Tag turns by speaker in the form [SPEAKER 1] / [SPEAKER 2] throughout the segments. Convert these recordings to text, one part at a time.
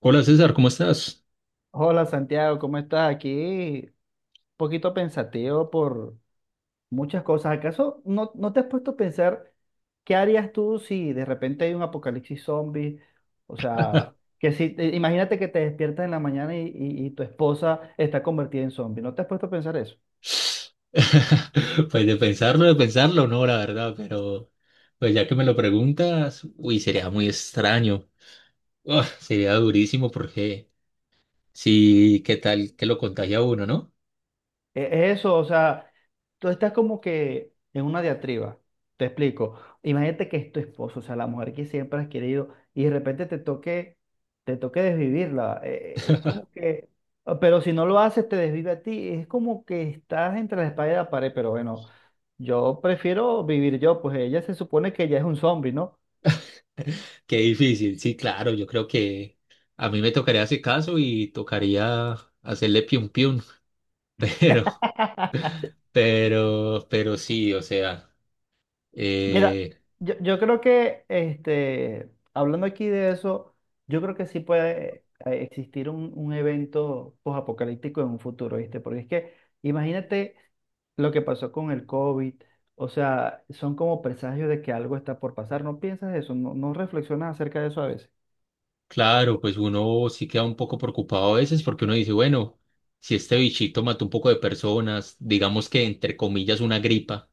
[SPEAKER 1] Hola César, ¿cómo estás?
[SPEAKER 2] Hola Santiago, ¿cómo estás? Aquí un poquito pensativo por muchas cosas. ¿Acaso no te has puesto a pensar qué harías tú si de repente hay un apocalipsis zombie? O sea, que si imagínate que te despiertas en la mañana y tu esposa está convertida en zombie. ¿No te has puesto a pensar eso?
[SPEAKER 1] Pues de pensarlo, no, la verdad, pero pues ya que me lo preguntas, uy, sería muy extraño. Uf, sería durísimo porque sí, ¿qué tal que lo contagia a uno, no?
[SPEAKER 2] Es eso, o sea, tú estás como que en una diatriba, te explico. Imagínate que es tu esposo, o sea, la mujer que siempre has querido, y de repente te toque desvivirla. Es como que, ah, pero si no lo haces, te desvive a ti. Es como que estás entre la espalda y la pared, pero bueno, yo prefiero vivir yo, pues ella se supone que ella es un zombie, ¿no?
[SPEAKER 1] Qué difícil, sí, claro, yo creo que a mí me tocaría ese caso y tocaría hacerle piun piun, pero, pero sí, o sea,
[SPEAKER 2] Mira,
[SPEAKER 1] eh,
[SPEAKER 2] yo creo que hablando aquí de eso, yo creo que sí puede existir un evento posapocalíptico en un futuro, ¿viste? Porque es que imagínate lo que pasó con el COVID, o sea, son como presagios de que algo está por pasar. ¿No piensas eso? ¿No reflexionas acerca de eso a veces?
[SPEAKER 1] claro, pues uno sí queda un poco preocupado a veces porque uno dice, bueno, si este bichito mató un poco de personas, digamos que entre comillas una gripa,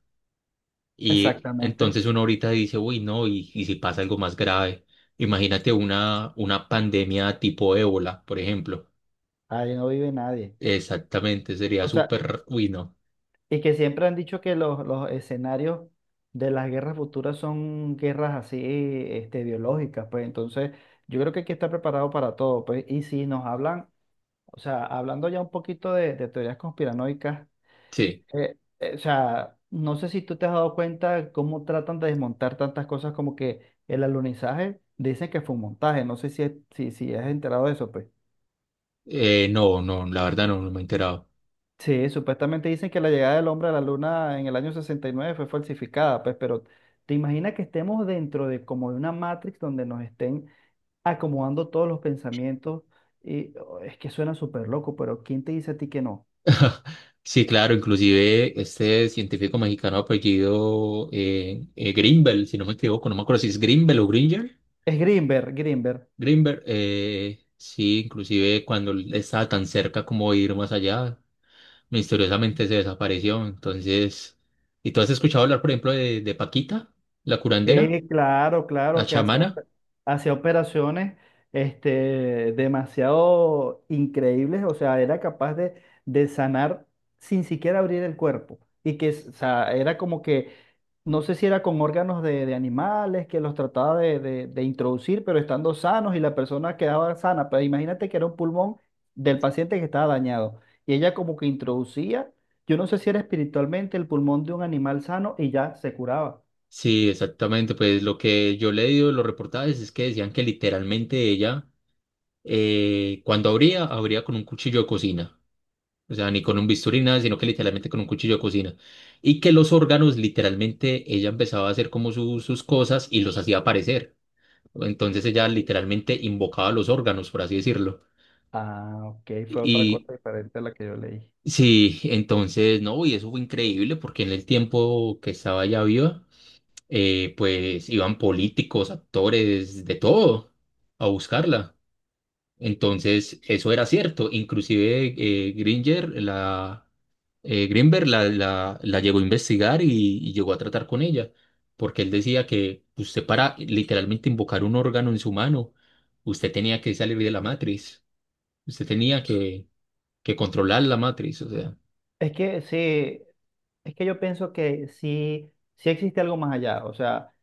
[SPEAKER 1] y
[SPEAKER 2] Exactamente.
[SPEAKER 1] entonces uno ahorita dice, uy, no, y si pasa algo más grave, imagínate una pandemia tipo ébola, por ejemplo.
[SPEAKER 2] Ahí no vive nadie.
[SPEAKER 1] Exactamente, sería
[SPEAKER 2] O sea,
[SPEAKER 1] súper, uy, no.
[SPEAKER 2] y que siempre han dicho que los escenarios de las guerras futuras son guerras así, biológicas, pues entonces yo creo que hay que estar preparado para todo, pues. Y si nos hablan, o sea, hablando ya un poquito de teorías conspiranoicas,
[SPEAKER 1] Sí,
[SPEAKER 2] o sea, no sé si tú te has dado cuenta cómo tratan de desmontar tantas cosas como que el alunizaje, dicen que fue un montaje, no sé si has enterado de eso, pues.
[SPEAKER 1] No, no, la verdad no me he enterado.
[SPEAKER 2] Sí, supuestamente dicen que la llegada del hombre a la luna en el año 69 fue falsificada, pues, pero ¿te imaginas que estemos dentro de como de una Matrix donde nos estén acomodando todos los pensamientos? Y oh, es que suena súper loco, pero ¿quién te dice a ti que no?
[SPEAKER 1] Sí, claro, inclusive este científico mexicano apellido Greenbel, si no me equivoco, no me acuerdo si es Greenbel o Gringer.
[SPEAKER 2] Es Greenberg, Greenberg.
[SPEAKER 1] Greenberg, sí, inclusive cuando él estaba tan cerca como de ir más allá, misteriosamente se desapareció. Entonces, ¿y tú has escuchado hablar, por ejemplo, de Paquita, la curandera,
[SPEAKER 2] Sí, claro,
[SPEAKER 1] la
[SPEAKER 2] claro, que hacía,
[SPEAKER 1] chamana?
[SPEAKER 2] hacía operaciones demasiado increíbles, o sea, era capaz de sanar sin siquiera abrir el cuerpo. Y que, o sea, era como que, no sé si era con órganos de animales que los trataba de, de introducir, pero estando sanos y la persona quedaba sana. Pero imagínate que era un pulmón del paciente que estaba dañado. Y ella como que introducía, yo no sé si era espiritualmente el pulmón de un animal sano y ya se curaba.
[SPEAKER 1] Sí, exactamente. Pues lo que yo leí de los reportajes es que decían que literalmente ella, cuando abría con un cuchillo de cocina. O sea, ni con un bisturí, nada, sino que literalmente con un cuchillo de cocina. Y que los órganos, literalmente, ella empezaba a hacer como sus cosas y los hacía aparecer. Entonces ella literalmente invocaba los órganos, por así decirlo.
[SPEAKER 2] Ah, ok, fue otra
[SPEAKER 1] Y
[SPEAKER 2] cosa diferente a la que yo leí.
[SPEAKER 1] sí, entonces, no, y eso fue increíble porque en el tiempo que estaba ya viva, pues iban políticos, actores, de todo, a buscarla. Entonces, eso era cierto. Inclusive Gringer, Greenberg la llegó a investigar y llegó a tratar con ella, porque él decía que usted para literalmente invocar un órgano en su mano, usted tenía que salir de la matriz, usted tenía que controlar la matriz. O sea,
[SPEAKER 2] Es que sí, es que yo pienso que sí, sí existe algo más allá. O sea,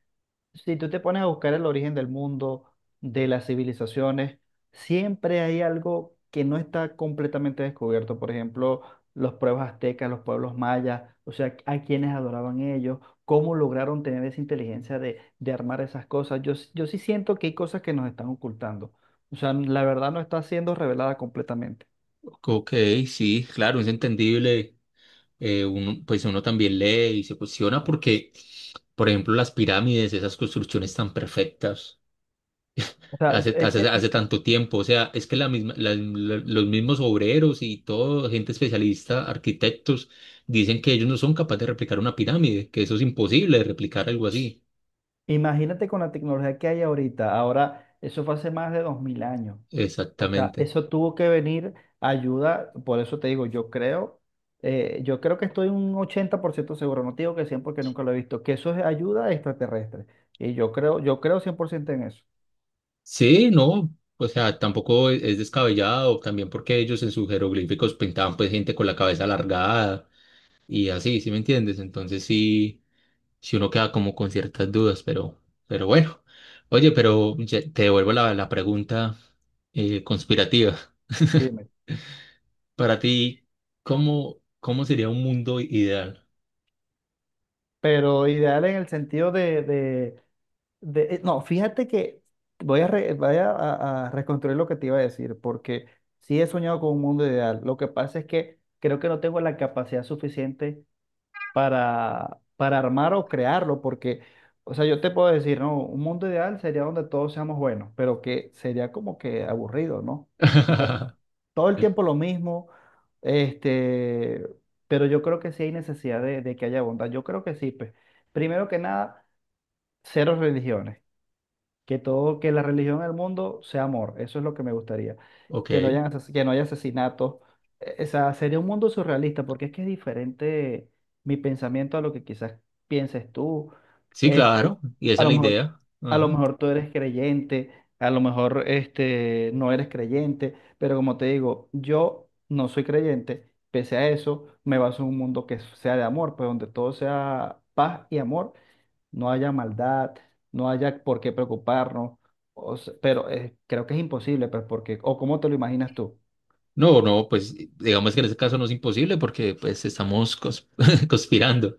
[SPEAKER 2] si tú te pones a buscar el origen del mundo, de las civilizaciones, siempre hay algo que no está completamente descubierto. Por ejemplo, los pueblos aztecas, los pueblos mayas, o sea, a quienes adoraban ellos, cómo lograron tener esa inteligencia de armar esas cosas. Yo sí siento que hay cosas que nos están ocultando. O sea, la verdad no está siendo revelada completamente.
[SPEAKER 1] ok, sí, claro, es entendible. Pues uno también lee y se cuestiona porque, por ejemplo, las pirámides, esas construcciones tan perfectas.
[SPEAKER 2] O sea,
[SPEAKER 1] hace,
[SPEAKER 2] es
[SPEAKER 1] hace,
[SPEAKER 2] que
[SPEAKER 1] hace tanto tiempo. O sea, es que la misma, los mismos obreros y todo, gente especialista, arquitectos, dicen que ellos no son capaces de replicar una pirámide, que eso es imposible de replicar algo así.
[SPEAKER 2] imagínate con la tecnología que hay ahorita. Ahora, eso fue hace más de 2000 años. O sea,
[SPEAKER 1] Exactamente.
[SPEAKER 2] eso tuvo que venir ayuda. Por eso te digo, yo creo que estoy un 80% seguro. No te digo que 100 porque nunca lo he visto. Que eso es ayuda extraterrestre. Y yo creo 100% en eso.
[SPEAKER 1] Sí, no, o sea, tampoco es descabellado, también porque ellos en sus jeroglíficos pintaban pues gente con la cabeza alargada y así, ¿sí me entiendes? Entonces sí, si uno queda como con ciertas dudas, pero bueno. Oye, pero te devuelvo la pregunta conspirativa.
[SPEAKER 2] Dime.
[SPEAKER 1] Para ti, ¿ cómo sería un mundo ideal?
[SPEAKER 2] Pero ideal en el sentido no, fíjate que voy a reconstruir lo que te iba a decir, porque sí he soñado con un mundo ideal. Lo que pasa es que creo que no tengo la capacidad suficiente para armar o crearlo, porque, o sea, yo te puedo decir, no, un mundo ideal sería donde todos seamos buenos, pero que sería como que aburrido, ¿no? O sea, todo el tiempo lo mismo, este, pero yo creo que sí hay necesidad de que haya bondad. Yo creo que sí, pues, primero que nada, cero religiones. Que todo, que la religión en el mundo sea amor, eso es lo que me gustaría.
[SPEAKER 1] Ok,
[SPEAKER 2] Que no haya asesinatos. O sea, sería un mundo surrealista, porque es que es diferente mi pensamiento a lo que quizás pienses tú.
[SPEAKER 1] sí,
[SPEAKER 2] Este,
[SPEAKER 1] claro, y esa
[SPEAKER 2] a
[SPEAKER 1] es
[SPEAKER 2] lo
[SPEAKER 1] la
[SPEAKER 2] mejor,
[SPEAKER 1] idea.
[SPEAKER 2] a lo
[SPEAKER 1] Ajá.
[SPEAKER 2] mejor tú eres creyente, a lo mejor no eres creyente, pero como te digo, yo no soy creyente, pese a eso, me baso en un mundo que sea de amor, pues donde todo sea paz y amor no haya maldad, no haya por qué preocuparnos, pero creo que es imposible, pues, porque, o cómo te lo imaginas tú.
[SPEAKER 1] No, no, pues digamos que en ese caso no es imposible porque pues estamos conspirando.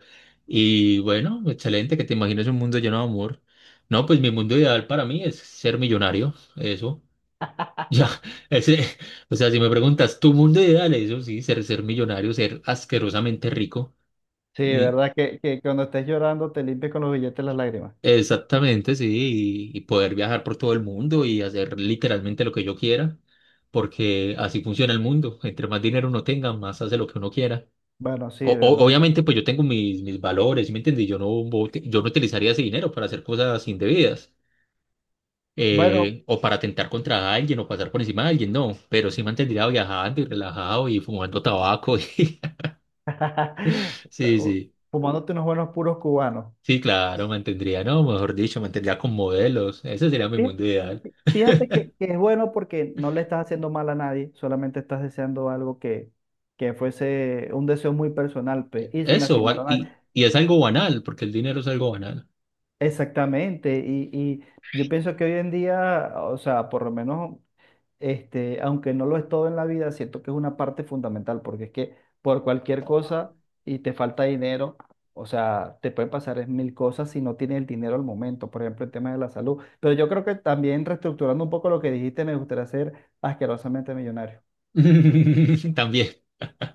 [SPEAKER 1] Y bueno, excelente que te imagines un mundo lleno de amor. No, pues mi mundo ideal para mí es ser millonario, eso. Ya, ese, o sea, si me preguntas, tu mundo ideal, eso sí, ser millonario, ser asquerosamente rico.
[SPEAKER 2] Sí,
[SPEAKER 1] y-
[SPEAKER 2] ¿verdad? Que cuando estés llorando te limpies con los billetes las lágrimas.
[SPEAKER 1] Exactamente, sí, y poder viajar por todo el mundo y hacer literalmente lo que yo quiera, porque así funciona el mundo. Entre más dinero uno tenga, más hace lo que uno quiera.
[SPEAKER 2] Bueno, sí, ¿verdad?
[SPEAKER 1] Obviamente, pues yo tengo mis valores, ¿sí, me entendí? Yo no, Yo no utilizaría ese dinero para hacer cosas indebidas,
[SPEAKER 2] Bueno,
[SPEAKER 1] o para atentar contra alguien o pasar por encima de alguien, no, pero sí mantendría viajando y relajado y fumando tabaco. Sí, sí,
[SPEAKER 2] fumándote unos buenos puros cubanos.
[SPEAKER 1] sí, claro, mantendría, no, mejor dicho, mantendría con modelos, ese sería mi
[SPEAKER 2] Fí-
[SPEAKER 1] mundo ideal.
[SPEAKER 2] Fíjate que es bueno porque no le estás haciendo mal a nadie, solamente estás deseando algo que fuese un deseo muy personal, pues, y sin
[SPEAKER 1] Eso,
[SPEAKER 2] lastimar a nadie.
[SPEAKER 1] y es algo banal, porque el dinero es algo banal.
[SPEAKER 2] Exactamente, y yo pienso que hoy en día, o sea, por lo menos, aunque no lo es todo en la vida, siento que es una parte fundamental, porque es que por cualquier cosa y te falta dinero, o sea, te pueden pasar es mil cosas si no tienes el dinero al momento, por ejemplo, el tema de la salud. Pero yo creo que también reestructurando un poco lo que dijiste, me gustaría ser asquerosamente millonario.
[SPEAKER 1] También,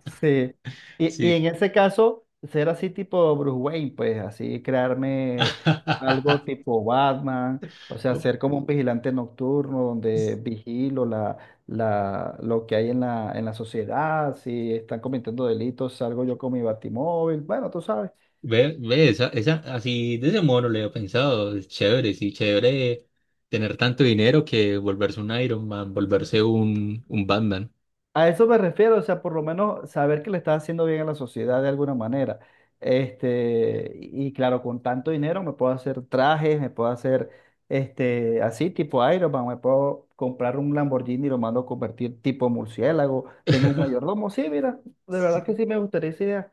[SPEAKER 2] Sí, y
[SPEAKER 1] sí.
[SPEAKER 2] en ese caso, ser así tipo Bruce Wayne, pues así crearme algo tipo Batman, o sea, ser como un vigilante nocturno donde vigilo lo que hay en la sociedad, si están cometiendo delitos, salgo yo con mi batimóvil, bueno, tú sabes.
[SPEAKER 1] Ve, ve, esa, así de ese modo no le he pensado, es chévere, sí, chévere tener tanto dinero que volverse un Iron Man, volverse un Batman.
[SPEAKER 2] A eso me refiero, o sea, por lo menos saber que le estás haciendo bien a la sociedad de alguna manera. Y claro, con tanto dinero me puedo hacer trajes, me puedo hacer así tipo Iron Man, me puedo comprar un Lamborghini y lo mando a convertir tipo murciélago, tengo un mayordomo, sí, mira, de verdad que sí me gustaría esa idea.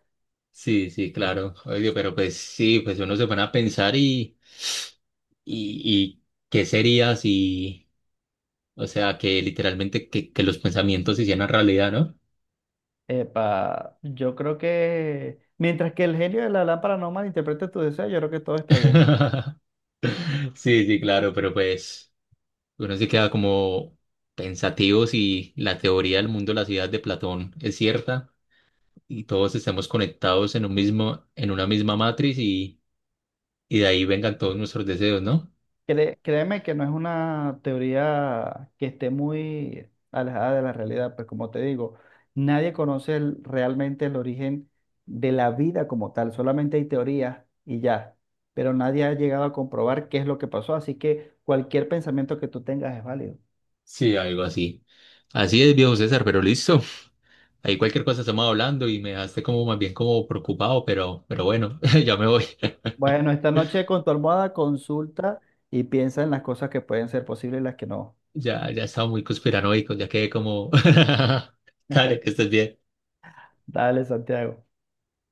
[SPEAKER 1] Sí, sí, claro. Oye, pero pues sí, pues uno se pone a pensar y, y qué sería si, o sea, que literalmente que los pensamientos se hicieran realidad, ¿no?
[SPEAKER 2] Epa, yo creo que mientras que el genio de la lámpara no malinterprete tu deseo, yo creo que todo está bien.
[SPEAKER 1] Sí, sí, claro, pero pues uno se queda como pensativo si la teoría del mundo de la ciudad de Platón es cierta y todos estemos conectados en un mismo, en una misma matriz y de ahí vengan todos nuestros deseos, ¿no?
[SPEAKER 2] Créeme que no es una teoría que esté muy alejada de la realidad, pues como te digo, nadie conoce realmente el origen de la vida como tal, solamente hay teorías y ya, pero nadie ha llegado a comprobar qué es lo que pasó, así que cualquier pensamiento que tú tengas es válido.
[SPEAKER 1] Sí, algo así. Así es, viejo César, pero listo. Ahí cualquier cosa estamos hablando y me dejaste como más bien como preocupado, pero bueno, ya me voy.
[SPEAKER 2] Bueno, esta noche con tu almohada consulta y piensa en las cosas que pueden ser posibles y las que no.
[SPEAKER 1] Ya estaba muy conspiranoico, ya quedé como... Dale, que estés bien.
[SPEAKER 2] Dale, Santiago.